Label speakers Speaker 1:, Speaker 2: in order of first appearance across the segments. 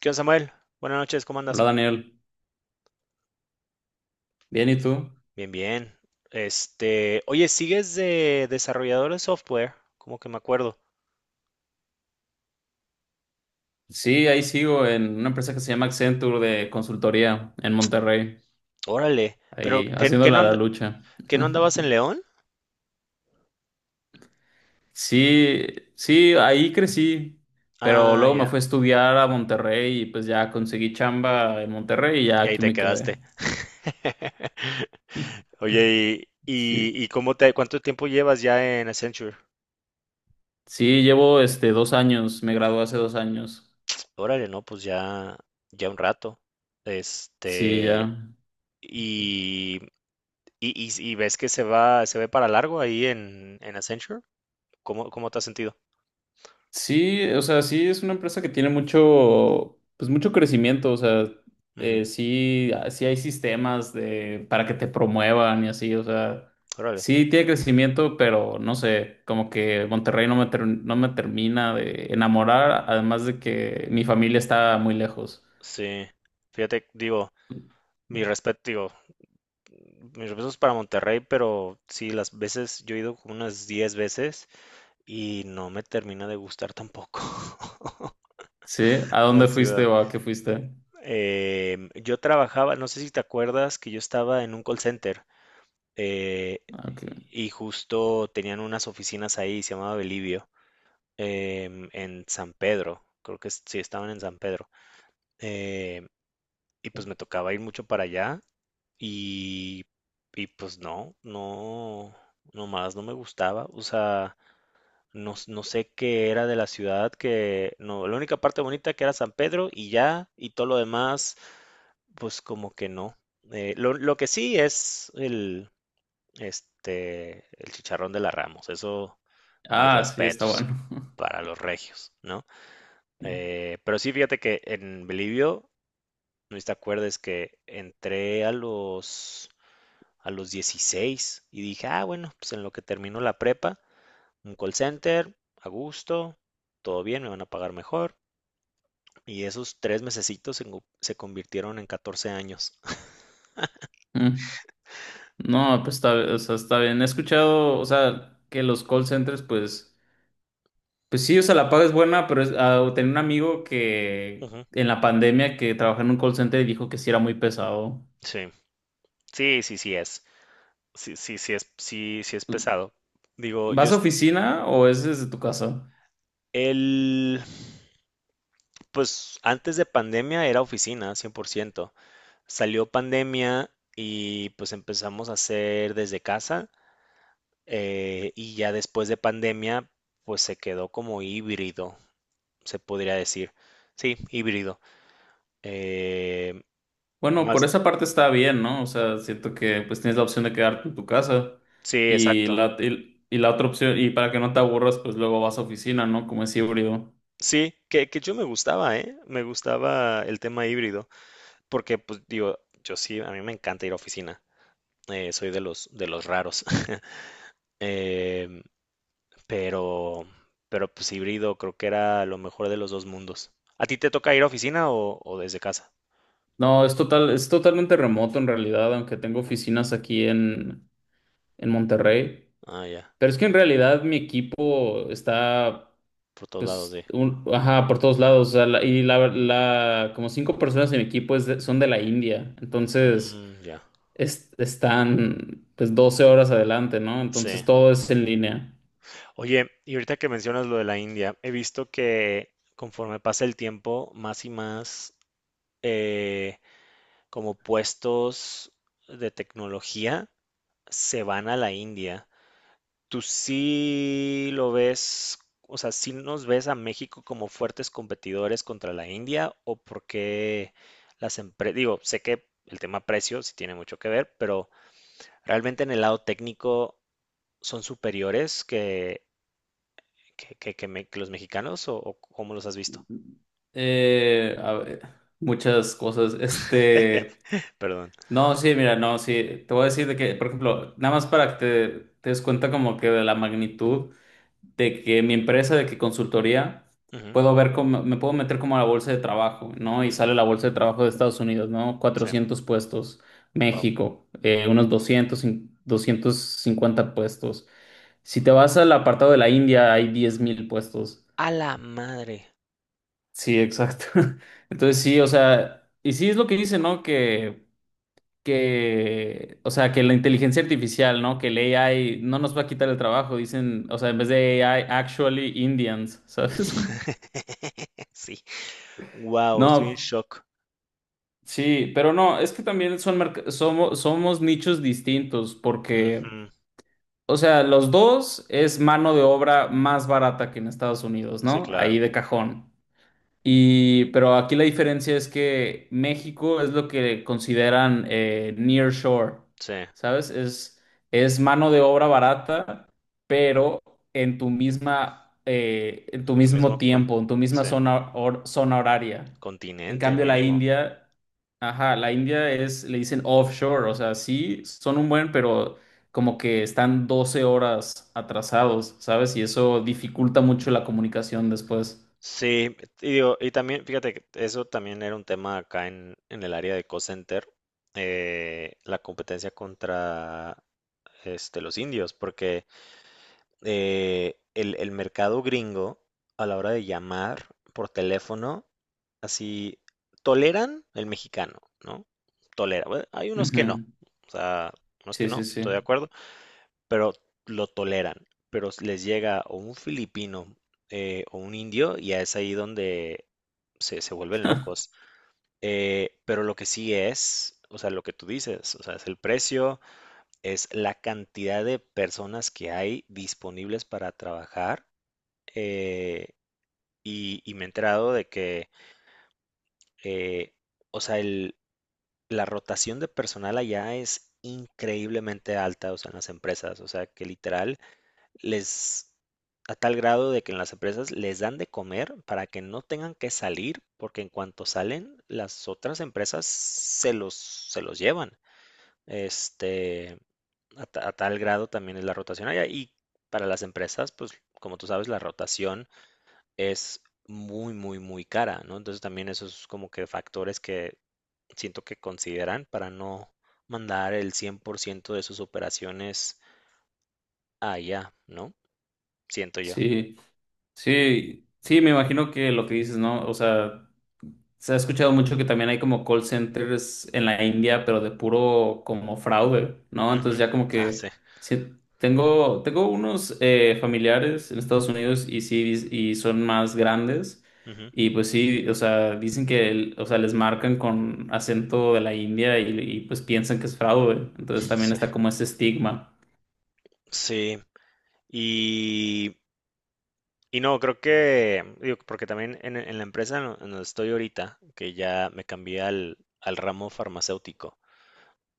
Speaker 1: ¿Qué onda, Samuel? Buenas noches, ¿cómo andas?
Speaker 2: Hola Daniel, bien, ¿y tú?
Speaker 1: Bien, bien. Oye, ¿sigues de desarrollador de software? Como que me acuerdo.
Speaker 2: Sí, ahí sigo en una empresa que se llama Accenture de consultoría en Monterrey,
Speaker 1: Órale, pero
Speaker 2: ahí
Speaker 1: ¿qué, qué no
Speaker 2: haciéndola la
Speaker 1: and-
Speaker 2: lucha.
Speaker 1: qué no andabas en León?
Speaker 2: Sí, sí, ahí crecí, pero
Speaker 1: Ah,
Speaker 2: luego me
Speaker 1: ya,
Speaker 2: fui a estudiar a Monterrey y pues ya conseguí chamba en Monterrey y ya
Speaker 1: y ahí
Speaker 2: aquí
Speaker 1: te
Speaker 2: me quedé.
Speaker 1: quedaste. Oye, ¿y,
Speaker 2: Sí,
Speaker 1: y, y cómo te, cuánto tiempo llevas ya en Accenture?
Speaker 2: sí, llevo 2 años, me gradué hace 2 años.
Speaker 1: Órale, no, pues ya, ya un rato.
Speaker 2: Sí,
Speaker 1: Este,
Speaker 2: ya.
Speaker 1: y, y ves que se va, se ve para largo ahí en Accenture. ¿Cómo, cómo te has sentido?
Speaker 2: Sí, o sea, sí es una empresa que tiene mucho, pues mucho crecimiento, o sea, sí, sí hay sistemas de, para que te promuevan y así, o sea,
Speaker 1: Órale.
Speaker 2: sí tiene crecimiento, pero no sé, como que Monterrey no me, no me termina de enamorar, además de que mi familia está muy lejos.
Speaker 1: Sí. Fíjate, digo, mi respeto, digo, mis respetos para Monterrey, pero sí, las veces, yo he ido como unas 10 veces y no me termina de gustar tampoco
Speaker 2: ¿Sí? ¿A
Speaker 1: la
Speaker 2: dónde fuiste
Speaker 1: ciudad.
Speaker 2: o a qué fuiste?
Speaker 1: Yo trabajaba, no sé si te acuerdas, que yo estaba en un call center eh,
Speaker 2: Ah, ok.
Speaker 1: y justo tenían unas oficinas ahí, se llamaba Belivio, en San Pedro, sí, estaban en San Pedro. em, y pues me tocaba ir mucho para allá. Y, y pues no, no, nomás no me gustaba. O sea, no sé qué era de la ciudad, que no, la única parte bonita que era San Pedro y ya, y todo lo demás, pues como que no. Lo que sí es el chicharrón de la Ramos, eso, mis
Speaker 2: Ah, sí, está
Speaker 1: respetos
Speaker 2: bueno.
Speaker 1: para los regios, ¿no? Pero sí, fíjate que en Bolivia no sé si te acuerdas que entré a los 16 y dije, ah, bueno, pues en lo que termino la prepa, un call center, a gusto, todo bien, me van a pagar mejor. Y esos 3 mesecitos se convirtieron en 14 años.
Speaker 2: Mm. No, pues está, o sea, está bien. He escuchado, o sea, que los call centers, pues pues sí, o sea, la paga es buena, pero ah, tenía un amigo que
Speaker 1: Ujú.
Speaker 2: en la pandemia que trabajaba en un call center y dijo que sí era muy pesado.
Speaker 1: Sí, sí es. Sí, es, sí es pesado. Digo, yo,
Speaker 2: ¿Vas a
Speaker 1: es-
Speaker 2: oficina o es desde tu casa?
Speaker 1: el, Pues antes de pandemia era oficina, 100%. Salió pandemia y pues empezamos a hacer desde casa, y ya después de pandemia pues se quedó como híbrido, se podría decir. Sí, híbrido. Eh,
Speaker 2: Bueno, por
Speaker 1: más,
Speaker 2: esa parte está bien, ¿no? O sea, siento que pues tienes la opción de quedarte en tu casa
Speaker 1: sí,
Speaker 2: y
Speaker 1: exacto.
Speaker 2: la, y la otra opción, y para que no te aburras, pues luego vas a oficina, ¿no? Como es híbrido.
Speaker 1: Sí, que yo me gustaba, ¿eh? Me gustaba el tema híbrido porque pues digo, yo sí, a mí me encanta ir a oficina. Soy de los raros. Em, pero, pero pues híbrido creo que era lo mejor de los dos mundos. ¿A ti te toca ir a oficina o desde casa?
Speaker 2: No, es total, es totalmente remoto en realidad, aunque tengo oficinas aquí en Monterrey.
Speaker 1: Ah, ya,
Speaker 2: Pero es que en realidad mi equipo está
Speaker 1: por todos lados, sí.
Speaker 2: pues, ajá, por todos lados. O sea, y la, la, como 5 personas en mi equipo son de la India. Entonces,
Speaker 1: Mm, ya,
Speaker 2: están pues 12 horas adelante, ¿no? Entonces,
Speaker 1: sí.
Speaker 2: todo es en línea.
Speaker 1: Oye, y ahorita que mencionas lo de la India, he visto que conforme pasa el tiempo, más y más eh, como puestos de tecnología se van a la India. ¿Tú sí lo ves? O sea, ¿sí nos ves a México como fuertes competidores contra la India? O ¿por qué las empresas? Digo, sé que el tema precio sí tiene mucho que ver, pero realmente en el lado técnico son superiores que los mexicanos, o ¿cómo los has visto?
Speaker 2: A ver, muchas cosas.
Speaker 1: Perdón.
Speaker 2: No, sí, mira, no, sí, te voy a decir de que, por ejemplo, nada más para que te des cuenta como que de la magnitud. De que mi empresa, de que consultoría,
Speaker 1: Ujú.
Speaker 2: puedo ver cómo, me puedo meter como a la bolsa de trabajo, ¿no? Y
Speaker 1: Ujú,
Speaker 2: sale la bolsa de trabajo de Estados Unidos, ¿no?
Speaker 1: sí,
Speaker 2: 400 puestos,
Speaker 1: wow.
Speaker 2: México, unos 250 puestos. Si te vas al apartado de la India, hay 10,000 puestos.
Speaker 1: A la madre.
Speaker 2: Sí, exacto. Entonces sí, o sea, y sí es lo que dice, ¿no? Que, o sea, que la inteligencia artificial, ¿no? Que el AI no nos va a quitar el trabajo, dicen, o sea, en vez de AI, actually Indians, ¿sabes?
Speaker 1: Sí, wow, estoy en
Speaker 2: No,
Speaker 1: shock.
Speaker 2: sí, pero no, es que también son somos, somos nichos distintos porque,
Speaker 1: Ujú.
Speaker 2: o sea, los dos es mano de obra más barata que en Estados Unidos,
Speaker 1: Sí,
Speaker 2: ¿no?
Speaker 1: claro,
Speaker 2: Ahí de cajón. Y, pero aquí la diferencia es que México es lo que consideran near shore,
Speaker 1: sí.
Speaker 2: ¿sabes? Es mano de obra barata, pero en tu misma, en tu
Speaker 1: Tú mismo
Speaker 2: mismo
Speaker 1: con,
Speaker 2: tiempo, en tu misma
Speaker 1: sí.
Speaker 2: zona, zona horaria. En
Speaker 1: Continente
Speaker 2: cambio, la
Speaker 1: mínimo.
Speaker 2: India, ajá, la India es, le dicen offshore, o sea, sí, son un buen, pero como que están 12 horas atrasados, ¿sabes? Y eso dificulta mucho la comunicación después.
Speaker 1: Sí, y digo, y también, fíjate que eso también era un tema acá en el área de call center, la competencia contra los indios, porque el mercado gringo, a la hora de llamar por teléfono, así toleran el mexicano, ¿no? Tolera. Bueno, hay unos que no,
Speaker 2: Ujú.
Speaker 1: o sea, unos que
Speaker 2: Sí, sí,
Speaker 1: no, estoy de
Speaker 2: sí.
Speaker 1: acuerdo. Pero lo toleran. Pero les llega o un filipino o un indio y es ahí donde se vuelven locos. Pero lo que sí es, o sea, lo que tú dices, o sea, es el precio, es la cantidad de personas que hay disponibles para trabajar. eh, y me he enterado de que, eh, o sea, la rotación de personal allá es increíblemente alta, o sea, en las empresas, o sea, que literal, Les a tal grado de que en las empresas les dan de comer para que no tengan que salir, porque en cuanto salen, las otras empresas se los llevan. Este, a tal grado también es la rotación allá. Y para las empresas, pues como tú sabes, la rotación es muy, muy, muy cara, ¿no? Entonces también esos como que factores que siento que consideran para no mandar el 100 por ciento de sus operaciones allá, ¿no? Siento yo.
Speaker 2: Sí, sí, sí, me imagino que lo que dices, ¿no? O sea, se ha escuchado mucho que también hay como call centers en la India, pero de puro como fraude, ¿no? Entonces
Speaker 1: Ujú.
Speaker 2: ya como
Speaker 1: Ah,
Speaker 2: que
Speaker 1: sí.
Speaker 2: sí, tengo, tengo unos familiares en Estados Unidos y sí, y son más grandes.
Speaker 1: Ujú.
Speaker 2: Y pues sí, o sea, dicen que, o sea, les marcan con acento de la India y pues piensan que es fraude. Entonces también
Speaker 1: Sí.
Speaker 2: está como ese estigma.
Speaker 1: Sí. Y, y no, creo que, digo, porque también en la empresa en donde estoy ahorita, que ya me cambié al ramo farmacéutico,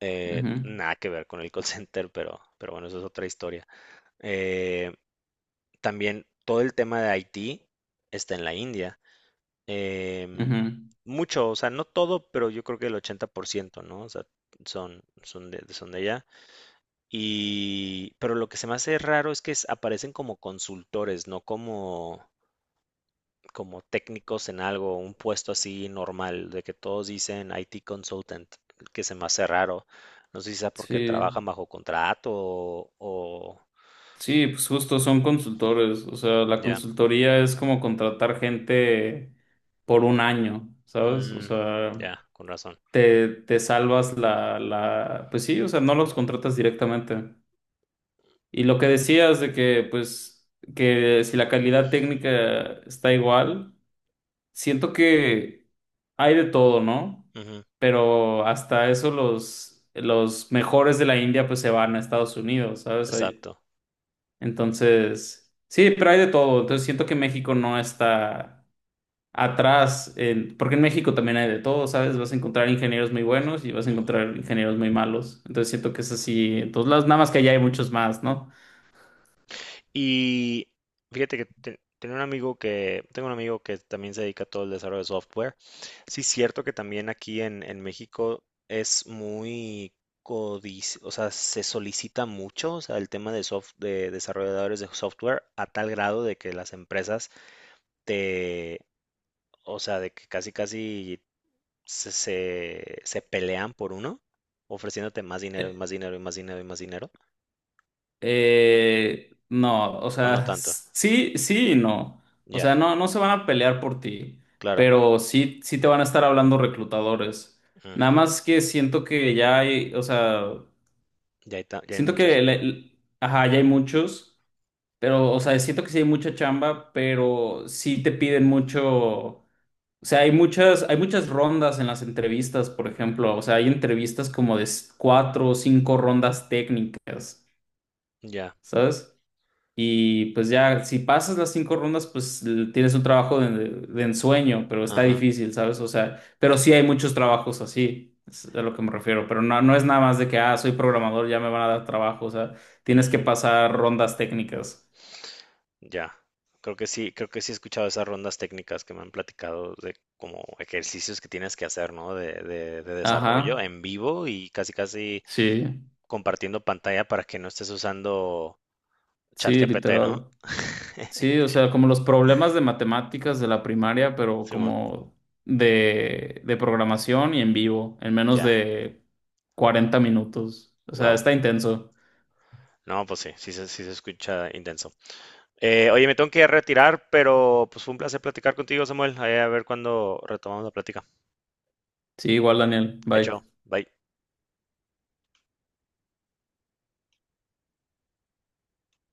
Speaker 2: Ujú,
Speaker 1: nada que ver con el call center, pero bueno, eso es otra historia. Eh, también todo el tema de IT está en la India. Em,
Speaker 2: ujú.
Speaker 1: Mucho, o sea, no todo, pero yo creo que el 80%, ¿no? O sea, son, son de allá. Y, pero lo que se me hace raro es que aparecen como consultores, no como, como técnicos en algo, un puesto así normal, de que todos dicen IT consultant, que se me hace raro. No sé si sea porque
Speaker 2: Sí.
Speaker 1: trabajan bajo contrato o-
Speaker 2: Sí, pues justo son consultores, o sea, la
Speaker 1: ya.
Speaker 2: consultoría es como contratar gente por 1 año, ¿sabes? O
Speaker 1: Mm,
Speaker 2: sea,
Speaker 1: ya, con razón.
Speaker 2: te salvas la, la, pues sí, o sea, no los contratas directamente. Y lo que decías de que, pues, que si la calidad técnica está igual, siento que hay de todo, ¿no?
Speaker 1: Ujú,
Speaker 2: Pero hasta eso los mejores de la India, pues, se van a Estados Unidos, ¿sabes? Hay-
Speaker 1: exacto.
Speaker 2: entonces, sí, pero hay de todo. Entonces siento que México no está atrás, porque en México también hay de todo, ¿sabes? Vas a encontrar ingenieros muy buenos y vas a
Speaker 1: Ujú.
Speaker 2: encontrar ingenieros muy malos. Entonces siento que es así. Entonces, las, nada más que allá hay muchos más, ¿no?
Speaker 1: Y fíjate que te- tenía un amigo que, tengo un amigo que también se dedica a todo el desarrollo de software. Sí, es cierto que también aquí en México es muy o sea, se solicita mucho, o sea, el tema de soft, de desarrolladores de software a tal grado de que las empresas te, o sea, de que casi casi se, se pelean por uno, ofreciéndote más dinero y
Speaker 2: Eh,
Speaker 1: más dinero y más dinero y más dinero,
Speaker 2: no, o
Speaker 1: o no
Speaker 2: sea,
Speaker 1: tanto.
Speaker 2: sí, sí y no. O
Speaker 1: Ya,
Speaker 2: sea, no, no se van a pelear por ti,
Speaker 1: claro.
Speaker 2: pero sí, sí te van a estar hablando reclutadores. Nada
Speaker 1: Mm.
Speaker 2: más que siento que ya hay, o sea,
Speaker 1: Ya hay, ya hay
Speaker 2: siento
Speaker 1: muchos.
Speaker 2: que, ajá, ya hay muchos. Pero, o sea, siento que sí hay mucha chamba, pero sí te piden mucho. O sea, hay muchas rondas en las entrevistas, por ejemplo. O sea, hay entrevistas como de cuatro o cinco rondas técnicas,
Speaker 1: Ya,
Speaker 2: ¿sabes? Y pues ya, si pasas las cinco rondas, pues tienes un trabajo de ensueño, pero está
Speaker 1: ajá,
Speaker 2: difícil, ¿sabes? O sea, pero sí hay muchos trabajos así, es a lo que me refiero. Pero no, no es nada más de que, ah, soy programador, ya me van a dar trabajo. O sea, tienes que
Speaker 1: ujú,
Speaker 2: pasar rondas técnicas.
Speaker 1: ya. Creo que sí he escuchado esas rondas técnicas que me han platicado, de como ejercicios que tienes que hacer, ¿no? De desarrollo
Speaker 2: Ajá.
Speaker 1: en vivo y casi casi
Speaker 2: Sí,
Speaker 1: compartiendo pantalla para que no estés usando
Speaker 2: sí,
Speaker 1: ChatGPT, ¿no?
Speaker 2: literal. Sí, o sea, como los problemas de matemáticas de la primaria, pero
Speaker 1: Simón,
Speaker 2: como de programación y en vivo, en menos
Speaker 1: ya,
Speaker 2: de 40 minutos. O sea,
Speaker 1: wow.
Speaker 2: está intenso.
Speaker 1: No, pues sí, sí, sí se escucha intenso. Oye, me tengo que retirar, pero pues fue un placer platicar contigo, Samuel. Ahí a ver cuándo retomamos la plática.
Speaker 2: Sí, igual, Daniel.
Speaker 1: Hecho,
Speaker 2: Bye.
Speaker 1: bye.